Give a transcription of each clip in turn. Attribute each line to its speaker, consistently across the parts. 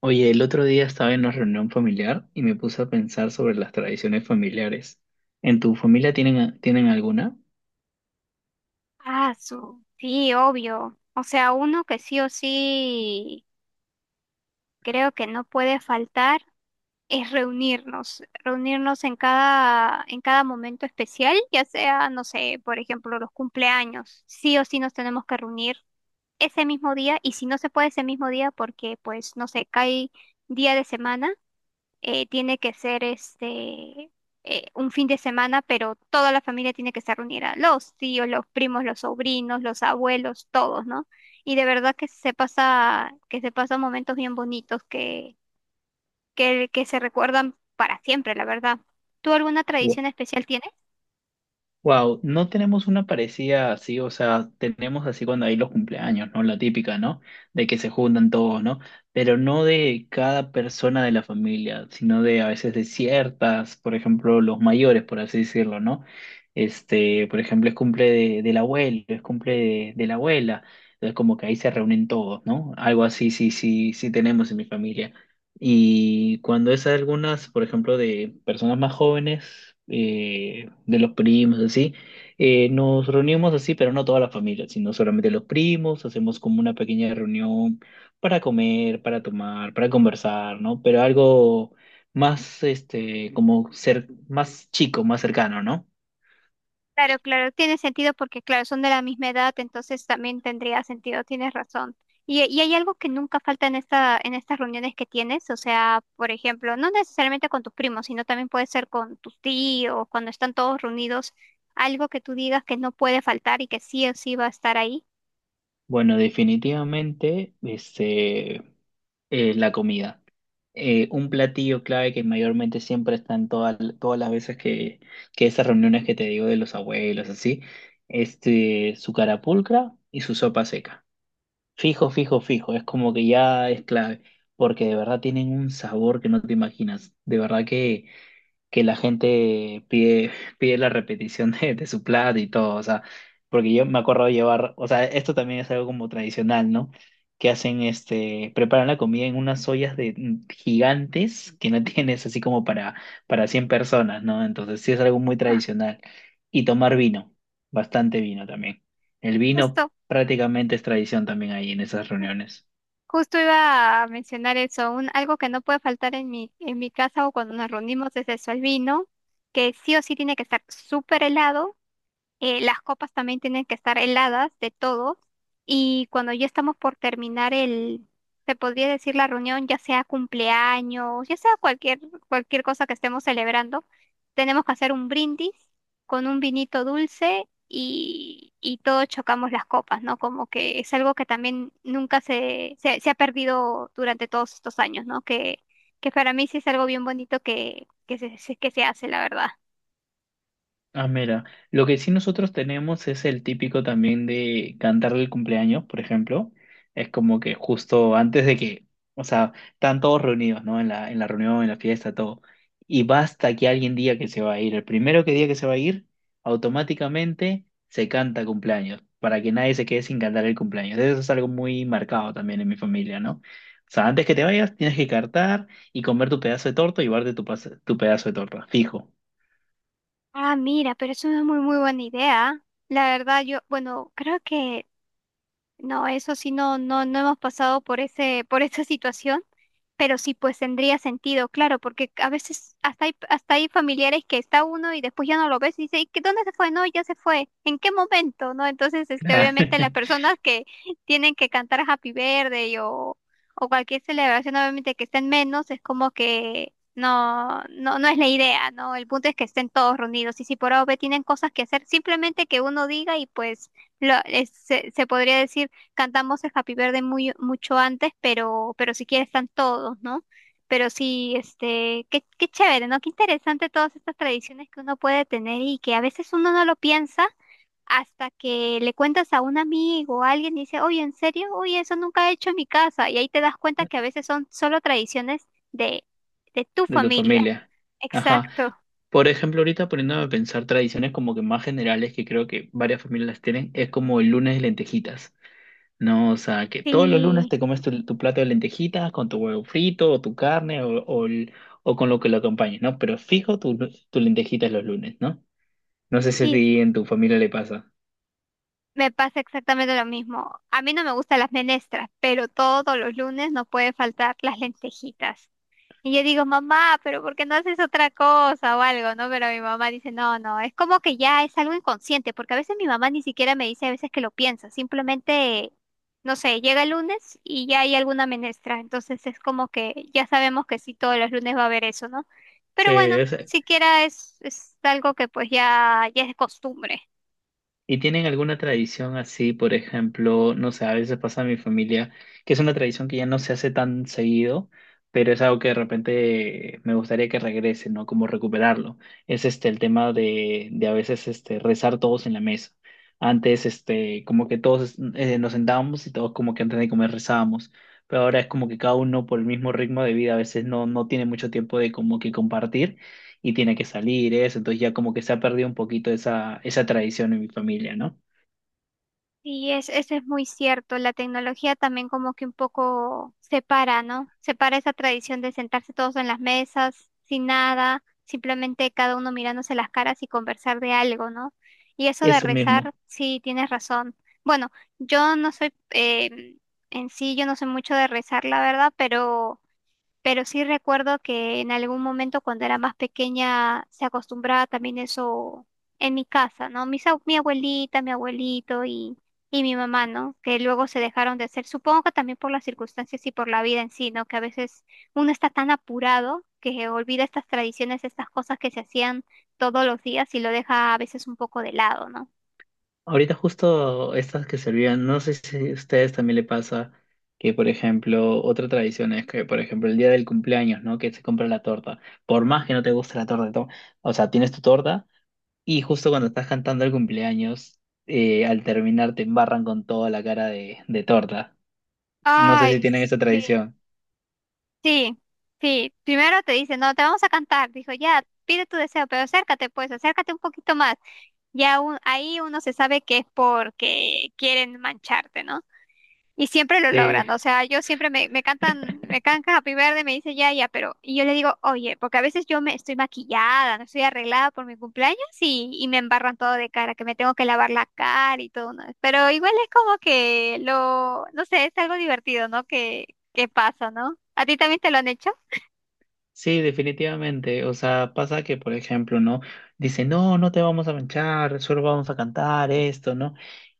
Speaker 1: Oye, el otro día estaba en una reunión familiar y me puse a pensar sobre las tradiciones familiares. ¿En tu familia tienen alguna?
Speaker 2: Ah, sí, obvio. O sea, uno que sí o sí creo que no puede faltar es reunirnos en cada momento especial, ya sea, no sé, por ejemplo, los cumpleaños. Sí o sí nos tenemos que reunir ese mismo día, y si no se puede ese mismo día porque, pues, no sé, cae día de semana, tiene que ser un fin de semana, pero toda la familia tiene que estar reunida, los tíos, los primos, los sobrinos, los abuelos, todos, ¿no? Y de verdad que se pasa, que se pasan momentos bien bonitos que se recuerdan para siempre, la verdad. ¿Tú alguna tradición especial tienes?
Speaker 1: Wow, no tenemos una parecida así, o sea, tenemos así cuando hay los cumpleaños, ¿no? La típica, ¿no? De que se juntan todos, ¿no? Pero no de cada persona de la familia, sino de a veces de ciertas, por ejemplo, los mayores, por así decirlo, ¿no? Este, por ejemplo, es cumple del abuelo, es cumple de la abuela, entonces como que ahí se reúnen todos, ¿no? Algo así, sí, sí, sí tenemos en mi familia. Y cuando es algunas, por ejemplo, de personas más jóvenes, de los primos, así, nos reunimos así, pero no toda la familia, sino solamente los primos, hacemos como una pequeña reunión para comer, para tomar, para conversar, ¿no? Pero algo más, este, como ser más chico, más cercano, ¿no?
Speaker 2: Claro, claro, tiene sentido porque, claro, son de la misma edad, entonces también tendría sentido, tienes razón. Y hay algo que nunca falta en en estas reuniones que tienes, o sea, por ejemplo, no necesariamente con tus primos, sino también puede ser con tus tíos. Cuando están todos reunidos, algo que tú digas que no puede faltar y que sí o sí va a estar ahí.
Speaker 1: Bueno, definitivamente, este, la comida. Un platillo clave que mayormente siempre están todas las veces que esas reuniones que te digo de los abuelos, así, este, su carapulcra y su sopa seca. Fijo, fijo, fijo, es como que ya es clave, porque de verdad tienen un sabor que no te imaginas. De verdad que la gente pide la repetición de su plato y todo, o sea, porque yo me acuerdo de llevar, o sea, esto también es algo como tradicional, ¿no? Que hacen, este, preparan la comida en unas ollas de gigantes que no tienes así como para 100 personas, ¿no? Entonces sí es algo muy
Speaker 2: Ah,
Speaker 1: tradicional. Y tomar vino, bastante vino también. El vino
Speaker 2: justo,
Speaker 1: prácticamente es tradición también ahí en esas reuniones.
Speaker 2: justo iba a mencionar eso, un, algo que no puede faltar en en mi casa o cuando nos reunimos es eso, el vino, que sí o sí tiene que estar súper helado. Las copas también tienen que estar heladas de todos. Y cuando ya estamos por terminar el, se podría decir, la reunión, ya sea cumpleaños, ya sea cualquier, cualquier cosa que estemos celebrando, tenemos que hacer un brindis con un vinito dulce y todos chocamos las copas, ¿no? Como que es algo que también nunca se ha perdido durante todos estos años, ¿no? Que para mí sí es algo bien bonito que, que se hace, la verdad.
Speaker 1: Ah, mira, lo que sí nosotros tenemos es el típico también de cantarle el cumpleaños, por ejemplo. Es como que justo antes de que, o sea, están todos reunidos, ¿no? En la reunión, en la fiesta, todo. Y basta que alguien diga que se va a ir. El primero que diga que se va a ir, automáticamente se canta cumpleaños, para que nadie se quede sin cantar el cumpleaños. Eso es algo muy marcado también en mi familia, ¿no? O sea, antes que te vayas, tienes que cantar y comer tu pedazo de torta y llevarte tu, tu pedazo de torta, fijo.
Speaker 2: Ah, mira, pero es una muy buena idea. La verdad, yo, bueno, creo que no, eso sí, no hemos pasado por por esa situación, pero sí, pues tendría sentido, claro, porque a veces hasta hay familiares que está uno y después ya no lo ves y dice: "¿Y qué- ¿dónde se fue? No, ya se fue. ¿En qué momento?" ¿No? Entonces, este,
Speaker 1: Claro.
Speaker 2: obviamente las personas que tienen que cantar Happy Birthday o cualquier celebración, obviamente que estén menos, es como que no es la idea, ¿no? El punto es que estén todos reunidos, y si por A o B tienen cosas que hacer, simplemente que uno diga y pues se podría decir, cantamos el Happy Birthday mucho antes, pero si quieres están todos, ¿no? Pero sí, este, qué chévere, ¿no? Qué interesante todas estas tradiciones que uno puede tener y que a veces uno no lo piensa hasta que le cuentas a un amigo o a alguien y dice: oye, ¿en serio? Oye, eso nunca he hecho en mi casa. Y ahí te das cuenta que a veces son solo tradiciones de tu
Speaker 1: De tu
Speaker 2: familia.
Speaker 1: familia. Ajá.
Speaker 2: Exacto.
Speaker 1: Por ejemplo, ahorita poniéndome a pensar tradiciones como que más generales que creo que varias familias las tienen, es como el lunes de lentejitas, ¿no? O sea, que todos los lunes
Speaker 2: Sí,
Speaker 1: te comes tu, tu plato de lentejitas con tu huevo frito o tu carne o, o con lo que lo acompañe, ¿no? Pero fijo tu, tu lentejitas los lunes, ¿no? No sé si a
Speaker 2: sí,
Speaker 1: ti en tu familia le pasa.
Speaker 2: me pasa exactamente lo mismo. A mí no me gustan las menestras, pero todos los lunes no puede faltar las lentejitas. Y yo digo, mamá, ¿pero por qué no haces otra cosa o algo, no? Pero mi mamá dice, no, no, es como que ya es algo inconsciente, porque a veces mi mamá ni siquiera me dice a veces que lo piensa, simplemente, no sé, llega el lunes y ya hay alguna menestra, entonces es como que ya sabemos que sí, todos los lunes va a haber eso, ¿no?
Speaker 1: Sí,
Speaker 2: Pero bueno,
Speaker 1: es,
Speaker 2: siquiera es algo que pues ya, ya es costumbre.
Speaker 1: ¿Y tienen alguna tradición así, por ejemplo, no sé, a veces pasa en mi familia, que es una tradición que ya no se hace tan seguido, pero es algo que de repente me gustaría que regrese, ¿no? Como recuperarlo. Es este el tema de a veces este, rezar todos en la mesa. Antes, este, como que todos nos sentábamos y todos como que antes de comer rezábamos, pero ahora es como que cada uno por el mismo ritmo de vida a veces no, no tiene mucho tiempo de como que compartir y tiene que salir eso, entonces ya como que se ha perdido un poquito esa, esa tradición en mi familia, ¿no?
Speaker 2: Y es, eso es muy cierto, la tecnología también como que un poco separa, ¿no? Separa esa tradición de sentarse todos en las mesas, sin nada, simplemente cada uno mirándose las caras y conversar de algo, ¿no? Y eso de
Speaker 1: Eso mismo.
Speaker 2: rezar, sí, tienes razón. Bueno, yo no soy, en sí, yo no sé mucho de rezar, la verdad, pero sí recuerdo que en algún momento cuando era más pequeña se acostumbraba también eso en mi casa, ¿no? Mis, ab- mi abuelita, mi abuelito y mi mamá, ¿no? Que luego se dejaron de hacer, supongo que también por las circunstancias y por la vida en sí, ¿no? Que a veces uno está tan apurado que olvida estas tradiciones, estas cosas que se hacían todos los días y lo deja a veces un poco de lado, ¿no?
Speaker 1: Ahorita justo estas que se olvidan, no sé si a ustedes también le pasa que, por ejemplo, otra tradición es que, por ejemplo, el día del cumpleaños, ¿no? Que se compra la torta. Por más que no te guste la torta, o sea, tienes tu torta y justo cuando estás cantando el cumpleaños, al terminar te embarran con toda la cara de torta. No sé si
Speaker 2: Ay,
Speaker 1: tienen esa
Speaker 2: sí.
Speaker 1: tradición.
Speaker 2: Sí, sí. Primero te dice, no, te vamos a cantar. Dijo, ya, pide tu deseo, pero acércate, pues, acércate un poquito más. Ya un- ahí uno se sabe que es porque quieren mancharte, ¿no? Y siempre lo
Speaker 1: Sí.
Speaker 2: logran. O sea, yo siempre me cantan Happy Verde, me dice ya, ya, pero. Y yo le digo, oye, porque a veces yo me estoy maquillada, no estoy arreglada por mi cumpleaños y me embarran todo de cara, que me tengo que lavar la cara y todo, ¿no? Pero igual es como que lo, no sé, es algo divertido, ¿no? Que pasa, ¿no? ¿A ti también te lo han hecho?
Speaker 1: Sí, definitivamente. O sea, pasa que, por ejemplo, ¿no? Dice, no, no te vamos a manchar, solo vamos a cantar esto, ¿no?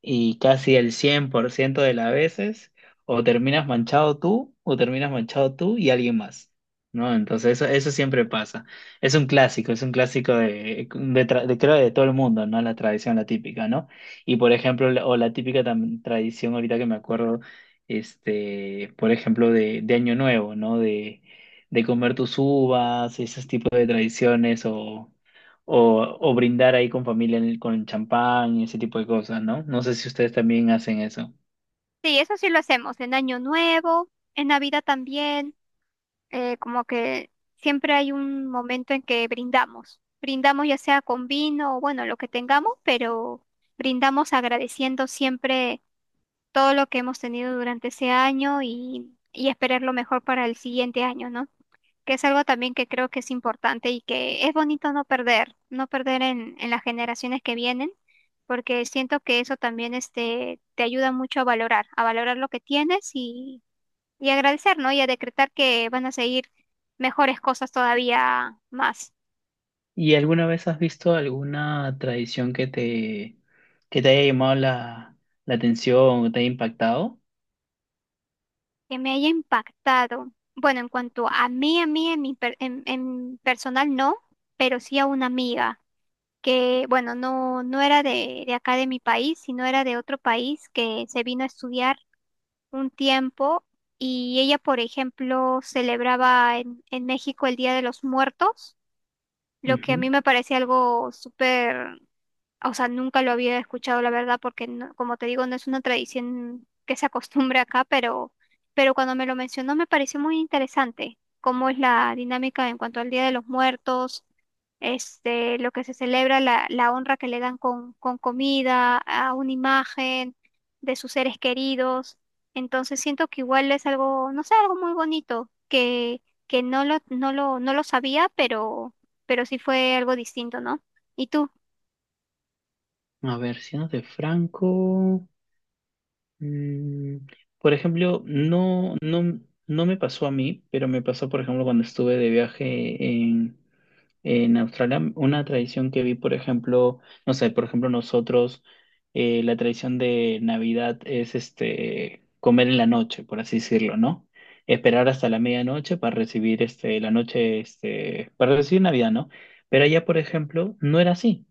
Speaker 1: Y casi el 100% de las veces, o terminas manchado tú, o terminas manchado tú y alguien más, ¿no? Entonces, eso siempre pasa. Es un clásico de, creo, de todo el mundo, ¿no? La tradición, la típica, ¿no? Y, por ejemplo, o la típica tradición, ahorita que me acuerdo, este, por ejemplo, de Año Nuevo, ¿no? De comer tus uvas, esos tipos de tradiciones o brindar ahí con familia en con champán y ese tipo de cosas, ¿no? No sé si ustedes también hacen eso.
Speaker 2: Sí, eso sí lo hacemos en Año Nuevo, en Navidad también, como que siempre hay un momento en que brindamos. Brindamos ya sea con vino o bueno, lo que tengamos, pero brindamos agradeciendo siempre todo lo que hemos tenido durante ese año y esperar lo mejor para el siguiente año, ¿no? Que es algo también que creo que es importante y que es bonito no perder, no perder en las generaciones que vienen, porque siento que eso también este, te ayuda mucho a valorar lo que tienes y agradecer, ¿no? Y a decretar que van a seguir mejores cosas todavía más.
Speaker 1: ¿Y alguna vez has visto alguna tradición que te haya llamado la, la atención o te haya impactado?
Speaker 2: Que me haya impactado. Bueno, en cuanto a mí, en mi per- en personal no, pero sí a una amiga que, bueno, no, no era de acá de mi país, sino era de otro país que se vino a estudiar un tiempo. Y ella, por ejemplo, celebraba en México el Día de los Muertos, lo que a
Speaker 1: Ujú.
Speaker 2: mí me parece algo súper, o sea, nunca lo había escuchado, la verdad, porque no- como te digo, no es una tradición que se acostumbre acá, pero cuando me lo mencionó me pareció muy interesante cómo es la dinámica en cuanto al Día de los Muertos, este, lo que se celebra, la honra que le dan con comida, a una imagen de sus seres queridos. Entonces siento que igual es algo, no sé, algo muy bonito, que, no lo sabía, pero sí fue algo distinto, ¿no? ¿Y tú?
Speaker 1: A ver, siendo de Franco. Mm, por ejemplo, no, no, no me pasó a mí, pero me pasó, por ejemplo, cuando estuve de viaje en Australia, una tradición que vi, por ejemplo, no sé, por ejemplo, nosotros, la tradición de Navidad es este comer en la noche, por así decirlo, ¿no? Esperar hasta la medianoche para recibir este, la noche, este, para recibir Navidad, ¿no? Pero allá, por ejemplo, no era así.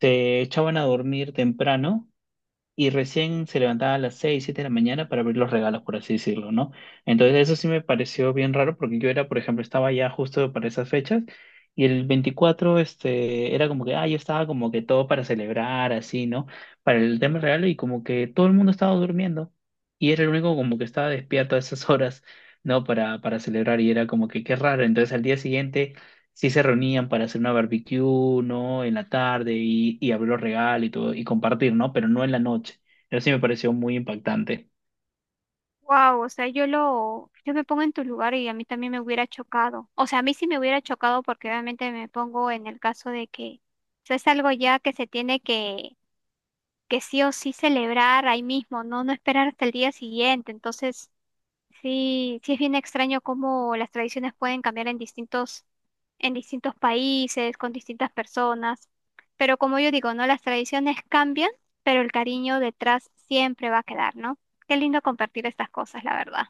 Speaker 1: Se echaban a dormir temprano y recién se levantaba a las 6 o 7 de la mañana para abrir los regalos, por así decirlo, ¿no? Entonces eso sí me pareció bien raro porque yo era, por ejemplo, estaba ya justo para esas fechas y el 24 este, era como que, ah, yo estaba como que todo para celebrar, así, ¿no? Para el tema del regalo y como que todo el mundo estaba durmiendo y era el único como que estaba despierto a esas horas, ¿no? Para celebrar y era como que qué raro. Entonces al día siguiente sí se reunían para hacer una barbecue, ¿no? En la tarde y abrir los regalos y todo, y compartir, ¿no? Pero no en la noche. Eso sí me pareció muy impactante.
Speaker 2: Wow, o sea, yo me pongo en tu lugar y a mí también me hubiera chocado. O sea, a mí sí me hubiera chocado porque obviamente me pongo en el caso de que, o sea, es algo ya que se tiene que sí o sí celebrar ahí mismo, ¿no? No esperar hasta el día siguiente. Entonces, sí, sí es bien extraño cómo las tradiciones pueden cambiar en distintos países, con distintas personas. Pero como yo digo, ¿no? Las tradiciones cambian, pero el cariño detrás siempre va a quedar, ¿no? Qué lindo compartir estas cosas, la verdad.